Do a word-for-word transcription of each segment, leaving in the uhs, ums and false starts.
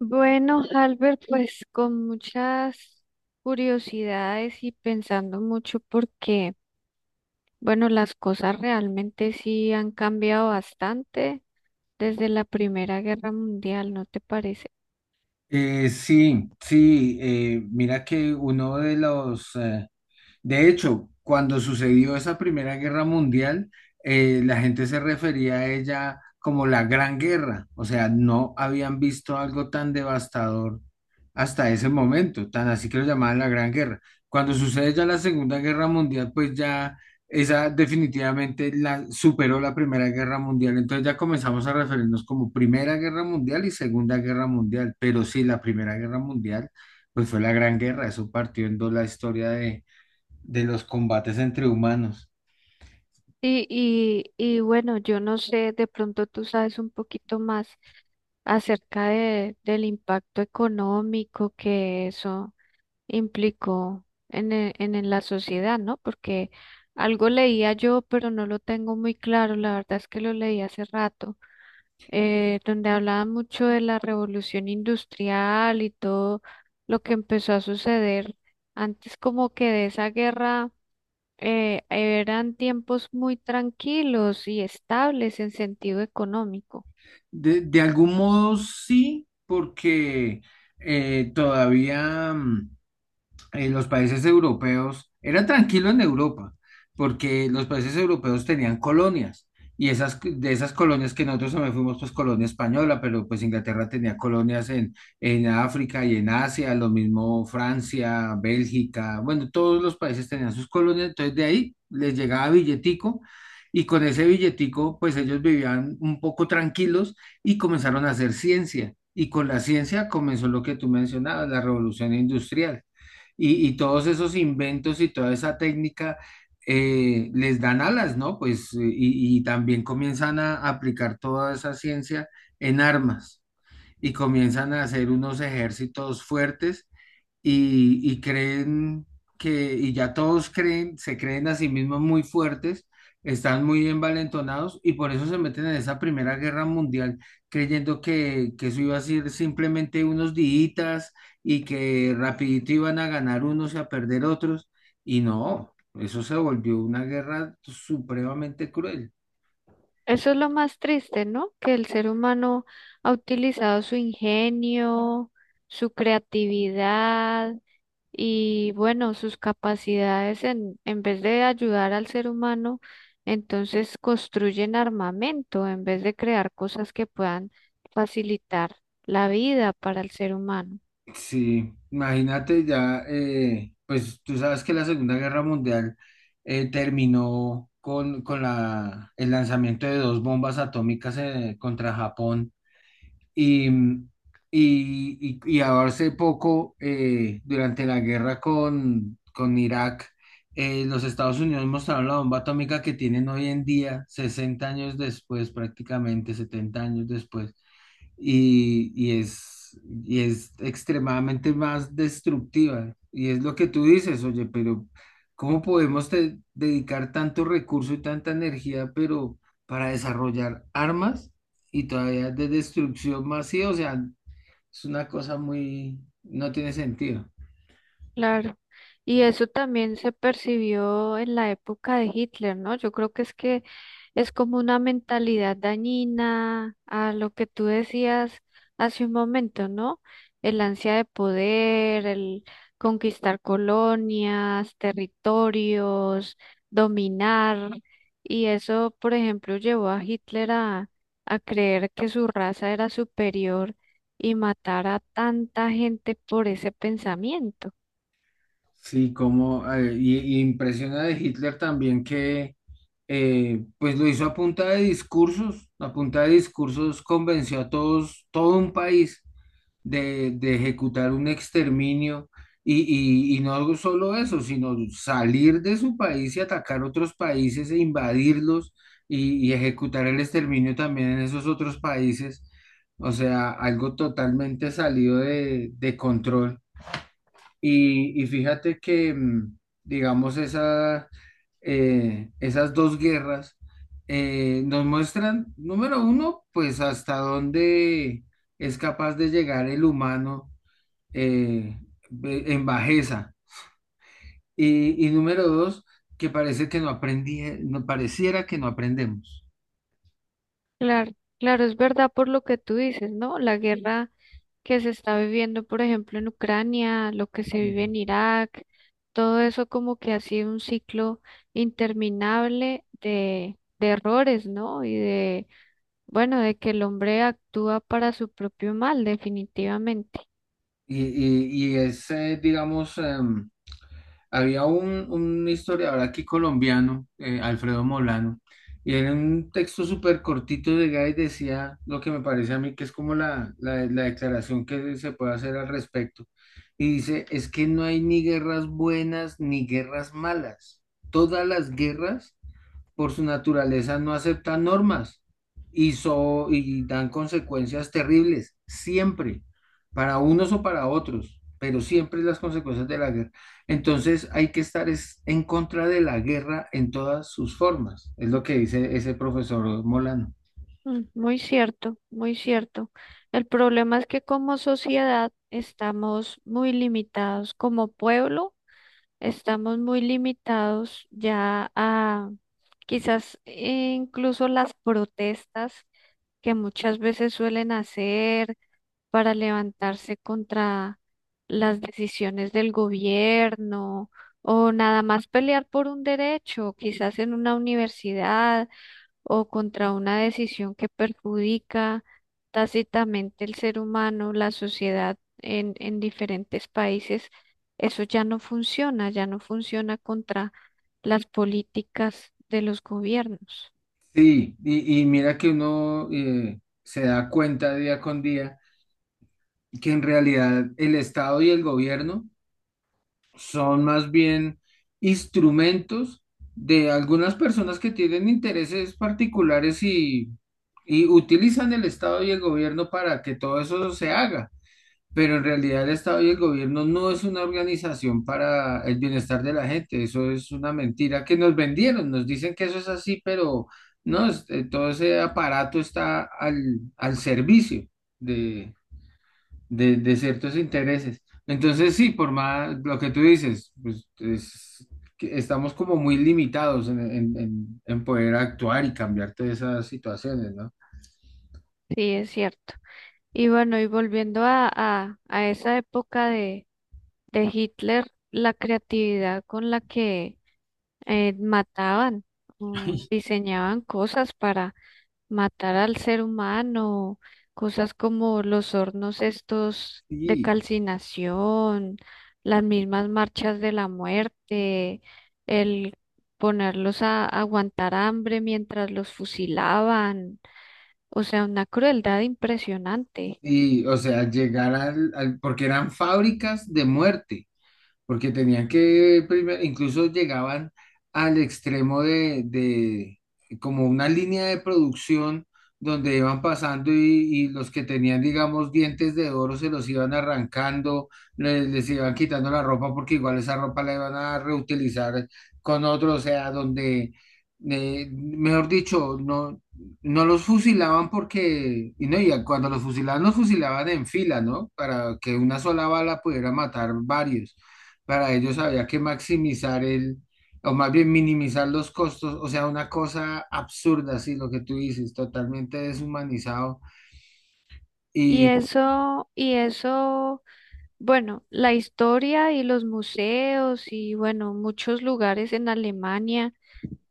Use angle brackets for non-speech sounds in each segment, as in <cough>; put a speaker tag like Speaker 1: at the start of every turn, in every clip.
Speaker 1: Bueno, Albert, pues con muchas curiosidades y pensando mucho porque, bueno, las cosas realmente sí han cambiado bastante desde la Primera Guerra Mundial, ¿no te parece?
Speaker 2: Eh, sí, sí, eh, mira que uno de los eh, de hecho, cuando sucedió esa Primera Guerra Mundial, eh, la gente se refería a ella como la Gran Guerra, o sea, no habían visto algo tan devastador hasta ese momento, tan así que lo llamaban la Gran Guerra. Cuando sucede ya la Segunda Guerra Mundial, pues ya esa definitivamente la superó la Primera Guerra Mundial, entonces ya comenzamos a referirnos como Primera Guerra Mundial y Segunda Guerra Mundial, pero sí, la Primera Guerra Mundial, pues fue la Gran Guerra, eso partió en dos la historia de de los combates entre humanos.
Speaker 1: Y, y, y bueno, yo no sé, de pronto tú sabes un poquito más acerca de, del impacto económico que eso implicó en, e- en, en la sociedad, ¿no? Porque algo leía yo, pero no lo tengo muy claro, la verdad es que lo leí hace rato, eh, donde hablaba mucho de la revolución industrial y todo lo que empezó a suceder antes como que de esa guerra. Eh, eran tiempos muy tranquilos y estables en sentido económico.
Speaker 2: De, de algún modo sí, porque eh, todavía... mm, eh, los países europeos, era tranquilo en Europa, porque los países europeos tenían colonias, y esas, de esas colonias que nosotros también fuimos, pues colonia española, pero pues Inglaterra tenía colonias en, en África y en Asia, lo mismo Francia, Bélgica, bueno, todos los países tenían sus colonias, entonces de ahí les llegaba billetico. Y con ese billetico, pues ellos vivían un poco tranquilos y comenzaron a hacer ciencia. Y con la ciencia comenzó lo que tú mencionabas, la revolución industrial y, y todos esos inventos y toda esa técnica eh, les dan alas, ¿no? Pues y, y también comienzan a aplicar toda esa ciencia en armas y comienzan a hacer unos ejércitos fuertes y, y creen que, y ya todos creen, se creen a sí mismos muy fuertes, están muy envalentonados y por eso se meten en esa Primera Guerra Mundial creyendo que, que eso iba a ser simplemente unos días y que rapidito iban a ganar unos y a perder otros. Y no, eso se volvió una guerra supremamente cruel.
Speaker 1: Eso es lo más triste, ¿no? Que el ser humano ha utilizado su ingenio, su creatividad y, bueno, sus capacidades en, en vez de ayudar al ser humano, entonces construyen armamento en vez de crear cosas que puedan facilitar la vida para el ser humano.
Speaker 2: Sí, imagínate ya, eh, pues tú sabes que la Segunda Guerra Mundial eh, terminó con, con la, el lanzamiento de dos bombas atómicas eh, contra Japón y, mm, y, y, y ahora hace poco, eh, durante la guerra con, con Irak, eh, los Estados Unidos mostraron la bomba atómica que tienen hoy en día, sesenta años después, prácticamente setenta años después y, y es, y es extremadamente más destructiva. Y es lo que tú dices, oye, pero ¿cómo podemos te- dedicar tanto recurso y tanta energía, pero para desarrollar armas y todavía de destrucción masiva? O sea, es una cosa muy, no tiene sentido.
Speaker 1: Claro, y eso también se percibió en la época de Hitler, ¿no? Yo creo que es que es como una mentalidad dañina a lo que tú decías hace un momento, ¿no? El ansia de poder, el conquistar colonias, territorios, dominar, y eso, por ejemplo, llevó a Hitler a, a creer que su raza era superior y matar a tanta gente por ese pensamiento.
Speaker 2: Sí, como, eh, y, y impresiona de Hitler también que, eh, pues lo hizo a punta de discursos, a punta de discursos convenció a todos, todo un país de, de ejecutar un exterminio y, y, y no solo eso, sino salir de su país y atacar otros países e invadirlos y, y ejecutar el exterminio también en esos otros países. O sea, algo totalmente salido de, de control. Y, y fíjate que, mm, digamos, esa, eh, esas dos guerras eh, nos muestran, número uno, pues hasta dónde es capaz de llegar el humano eh, ve- en bajeza. Y, y número dos, que parece que no aprendí, no pareciera que no aprendemos.
Speaker 1: Claro, claro, es verdad por lo que tú dices, ¿no? La guerra que se está viviendo, por ejemplo, en Ucrania, lo que se vive en Irak, todo eso como que ha sido un ciclo interminable de, de errores, ¿no? Y de, bueno, de que el hombre actúa para su propio mal, definitivamente.
Speaker 2: Y, y- y es, eh, digamos, em, había un, un historiador aquí colombiano, eh, Alfredo Molano, y en un texto súper cortito de Gay decía lo que me parece a mí que es como la, la, la declaración que se puede hacer al respecto. Y dice, es que no hay ni guerras buenas ni guerras malas. Todas las guerras por su naturaleza no aceptan normas y, so- y dan consecuencias terribles, siempre, para unos o para otros, pero siempre las consecuencias de la guerra. Entonces hay que estar es, en contra de la guerra en todas sus formas, es lo que dice ese profesor Molano.
Speaker 1: Mm, muy cierto, muy cierto. El problema es que como sociedad estamos muy limitados como pueblo. Estamos muy limitados ya a quizás incluso las protestas que muchas veces suelen hacer para levantarse contra las decisiones del gobierno o nada más pelear por un derecho, quizás en una universidad o contra una decisión que perjudica tácitamente el ser humano, la sociedad en, en diferentes países, eso ya no funciona, ya no funciona contra las políticas de los gobiernos.
Speaker 2: Sí, y, y mira que uno eh, se da cuenta día con día que en realidad el Estado y el gobierno son más bien instrumentos de algunas personas que tienen intereses particulares y, y utilizan el Estado y el gobierno para que todo eso se haga. Pero en realidad el Estado y el gobierno no es una organización para el bienestar de la gente. Eso es una mentira que nos vendieron. Nos dicen que eso es así, pero no, es- eh, todo ese aparato está al, al servicio de, de ciertos intereses. Entonces, sí, por más lo que tú dices, pues es que estamos como muy limitados en, en- en- en poder actuar y cambiar todas esas situaciones, ¿no?
Speaker 1: Sí, es cierto. Y bueno, y volviendo a, a, a esa época de, de Hitler, la creatividad con la que eh, mataban, o diseñaban cosas matar al ser humano, cosas como los hornos estos de
Speaker 2: Y,
Speaker 1: calcinación, las mismas marchas de la muerte, el ponerlos a aguantar hambre mientras los fusilaban. O sea, una crueldad impresionante.
Speaker 2: y o sea, llegar al, al- porque eran fábricas de muerte. Porque tenían que, primer- incluso llegaban al extremo de, de como una línea de producción donde iban pasando y, y los que tenían, digamos, dientes de oro se los iban arrancando, les, les iban quitando la ropa porque igual esa ropa la iban a reutilizar con otro, o sea, donde, eh, mejor dicho, no, no los fusilaban porque, y no, y cuando los fusilaban, los fusilaban en fila, ¿no? Para que una sola bala pudiera matar varios, para ellos había que maximizar el, o más bien minimizar los costos, o sea, una cosa absurda, sí, lo que tú dices, totalmente deshumanizado.
Speaker 1: Y
Speaker 2: Y
Speaker 1: eso, y eso, bueno, la historia y los museos y bueno, muchos lugares en Alemania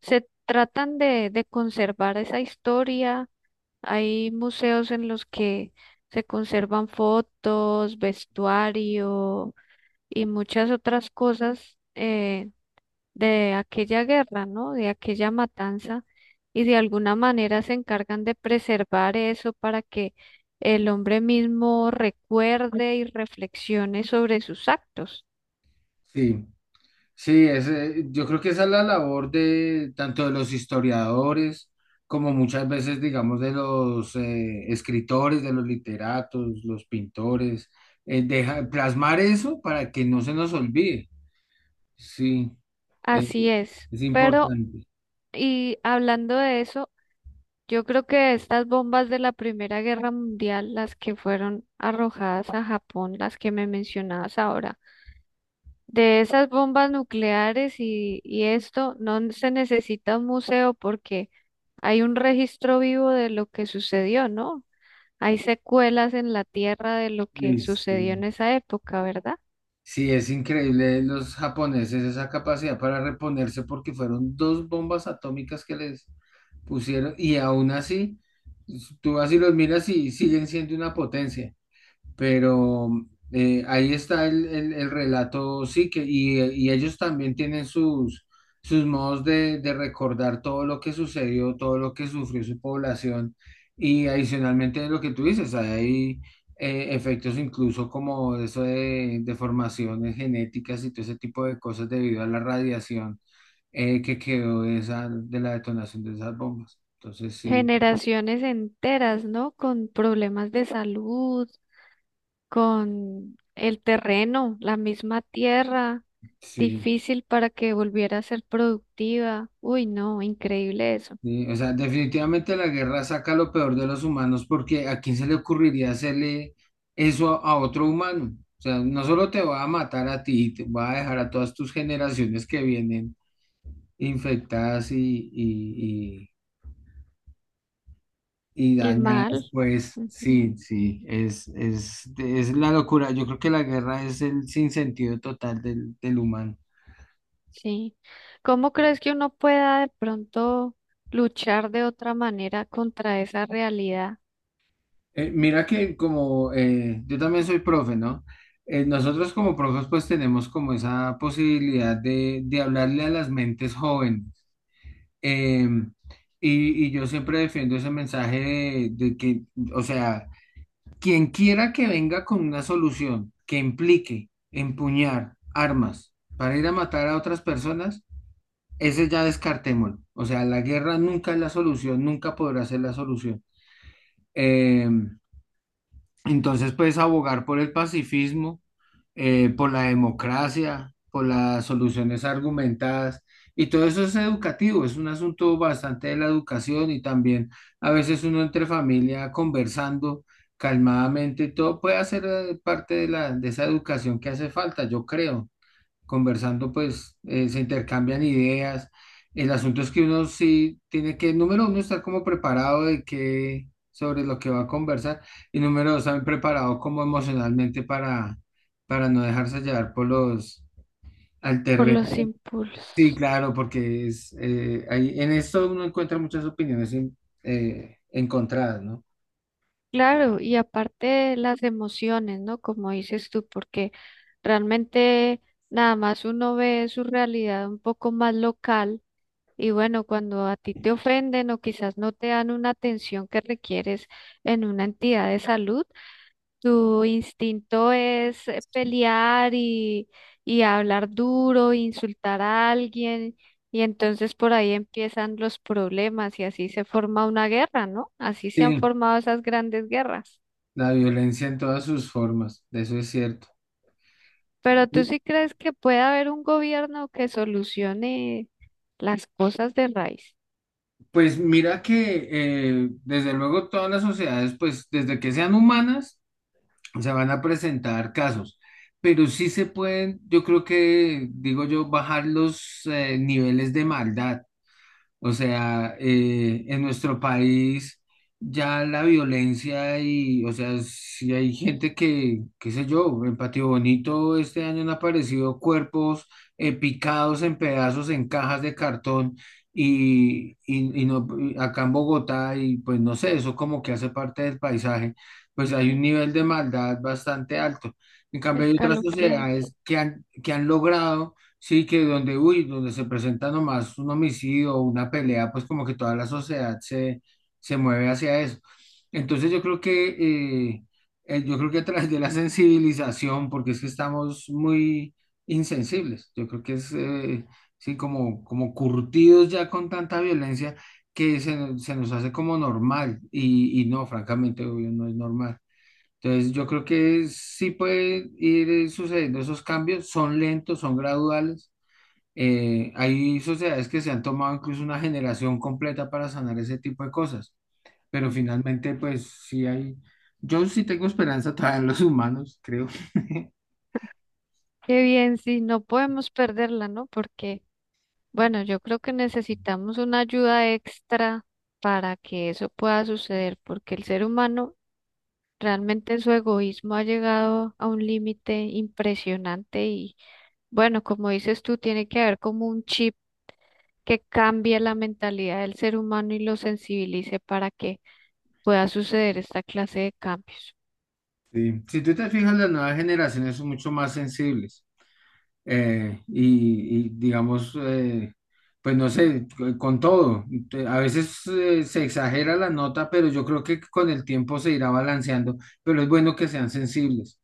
Speaker 1: se tratan de, de conservar esa historia. Hay museos en los que se conservan fotos, vestuario y muchas otras cosas eh, de aquella guerra, ¿no? De aquella matanza. Y de alguna manera se encargan de preservar eso para que el hombre mismo recuerde y reflexione sobre sus actos.
Speaker 2: sí, sí, ese, yo creo que esa es la labor de tanto de los historiadores como muchas veces, digamos, de los eh, escritores, de los literatos, los pintores, eh, deja- plasmar eso para que no se nos olvide. Sí, eh,
Speaker 1: Así es.
Speaker 2: es
Speaker 1: Pero,
Speaker 2: importante.
Speaker 1: y hablando de eso, yo creo que estas bombas de la Primera Guerra Mundial, las que fueron arrojadas a Japón, las que me mencionabas ahora, de esas bombas nucleares y, y esto, no se necesita un museo porque hay un registro vivo de lo que sucedió, ¿no? Hay secuelas en la tierra de lo que
Speaker 2: Sí,
Speaker 1: sucedió
Speaker 2: sí.
Speaker 1: en esa época, ¿verdad?
Speaker 2: Sí, es increíble los japoneses esa capacidad para reponerse porque fueron dos bombas atómicas que les pusieron y aún así, tú así los miras y siguen siendo una potencia. Pero eh, ahí está el, el- el relato, sí, que, y, y ellos también tienen sus, sus modos de, de recordar todo lo que sucedió, todo lo que sufrió su población, y adicionalmente lo que tú dices, hay eh, efectos incluso como eso de deformaciones genéticas y todo ese tipo de cosas debido a la radiación eh, que quedó de esa, de la detonación de esas bombas. Entonces, sí,
Speaker 1: Generaciones enteras, ¿no? Con problemas de salud, con el terreno, la misma tierra
Speaker 2: sí.
Speaker 1: difícil para que volviera a ser productiva. Uy, no, increíble eso.
Speaker 2: Sí, o sea, definitivamente la guerra saca lo peor de los humanos porque ¿a quién se le ocurriría hacerle eso a, a otro humano? O sea, no solo te va a matar a ti, te va a dejar a todas tus generaciones que vienen infectadas y, y, y, y
Speaker 1: Y mal.
Speaker 2: dañadas, pues
Speaker 1: Ujú.
Speaker 2: sí, sí, es, es, es la locura. Yo creo que la guerra es el sinsentido total del, del humano.
Speaker 1: Sí. ¿Cómo crees que uno pueda de pronto luchar de otra manera contra esa realidad,
Speaker 2: Eh, mira que como eh, yo también soy profe, ¿no? Eh, nosotros como profes pues tenemos como esa posibilidad de, de hablarle a las mentes jóvenes. Eh, y, y yo siempre defiendo ese mensaje de, de que, o sea, quien quiera que venga con una solución que implique empuñar armas para ir a matar a otras personas, ese ya descartémoslo. O sea, la guerra nunca es la solución, nunca podrá ser la solución. Em, Entonces, pues abogar por el pacifismo, eh, por la democracia, por las soluciones argumentadas, y todo eso es educativo, es un asunto bastante de la educación y también a veces uno entre familia conversando calmadamente, todo puede hacer eh, parte de la, de esa educación que hace falta, yo creo conversando, pues eh, se intercambian ideas. El asunto es que uno sí tiene que, número uno, estar como preparado de que, sobre lo que va a conversar y número dos, también preparado como emocionalmente para, para no dejarse llevar por los, al
Speaker 1: por
Speaker 2: terreno.
Speaker 1: los
Speaker 2: Sí,
Speaker 1: impulsos?
Speaker 2: claro, porque es, eh, ahí, en esto uno encuentra muchas opiniones en- eh, encontradas, ¿no?
Speaker 1: Claro, y aparte las emociones, ¿no? Como dices tú, porque realmente nada más uno ve su realidad un poco más local. Y bueno, cuando a ti te ofenden o quizás no te dan una atención que requieres en una entidad de salud, tu instinto es eh, pelear y, y hablar duro, insultar a alguien, y entonces por ahí empiezan los problemas y así se forma una guerra, ¿no? Así se han
Speaker 2: Sí,
Speaker 1: formado esas grandes guerras.
Speaker 2: la violencia en todas sus formas, de eso es cierto.
Speaker 1: Pero ¿tú sí crees que puede haber un gobierno que solucione las cosas de raíz?
Speaker 2: Pues mira que eh, desde luego todas las sociedades, pues desde que sean humanas, se van a presentar casos, pero sí se pueden, yo creo que, digo yo, bajar los eh, niveles de maldad. O sea, eh, en nuestro país ya la violencia y, o sea, si hay gente que, qué sé yo, en Patio Bonito este año han aparecido cuerpos eh, picados en pedazos en cajas de cartón y, y, y no, y acá en Bogotá y pues no sé, eso como que hace parte del paisaje, pues hay
Speaker 1: Mm.
Speaker 2: un nivel de maldad bastante alto. En cambio, hay otras
Speaker 1: Escalofriante.
Speaker 2: sociedades que han, que han logrado. Sí, que donde, uy, donde se presenta nomás un homicidio o una pelea, pues como que toda la sociedad se, se mueve hacia eso. Entonces yo creo que, eh, eh, yo creo que a través de la <laughs> sensibilización, porque es que estamos muy insensibles, yo creo que es, eh, sí, como, como curtidos ya con tanta violencia que se, nos- se nos hace como normal y, y no, francamente, obvio, no es normal. Entonces, yo creo que sí pueden ir eh, sucediendo esos cambios, son lentos, son graduales, eh, hay sociedades que se han tomado incluso una generación completa para sanar ese tipo de cosas, pero finalmente, pues sí hay, yo sí tengo esperanza todavía en los humanos, creo.
Speaker 1: Qué bien, sí, no podemos perderla, ¿no? Porque, bueno, yo creo que necesitamos una ayuda extra para que eso pueda suceder, porque el ser humano realmente en su egoísmo ha llegado a un límite impresionante y, bueno, como dices tú, tiene que haber como un chip que cambie la mentalidad del ser humano y lo sensibilice para que pueda suceder esta clase de cambios.
Speaker 2: Sí. Si tú te fijas, las nuevas generaciones son mucho más sensibles eh, y, y, digamos, eh, pues no sé, co- con todo. Te- A veces eh, se exagera la nota, pero yo creo que con el tiempo se irá balanceando, pero es bueno que sean sensibles.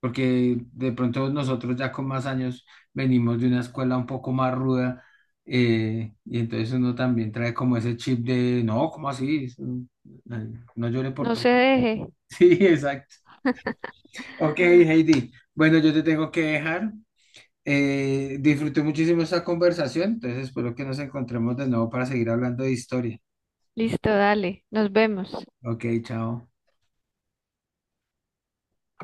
Speaker 2: Porque de pronto nosotros ya con más años venimos de una escuela un poco más ruda, eh, y entonces uno también trae como ese chip de, no, ¿cómo así? Eso, eh, No llore por
Speaker 1: No
Speaker 2: todo.
Speaker 1: se deje.
Speaker 2: <laughs> Sí, exacto. Ok,
Speaker 1: <laughs>
Speaker 2: Heidi. Bueno, yo te tengo que dejar. Eh, disfruté muchísimo esta conversación, entonces espero que nos encontremos de nuevo para seguir hablando de historia.
Speaker 1: Listo, dale, nos vemos.
Speaker 2: Ok, chao.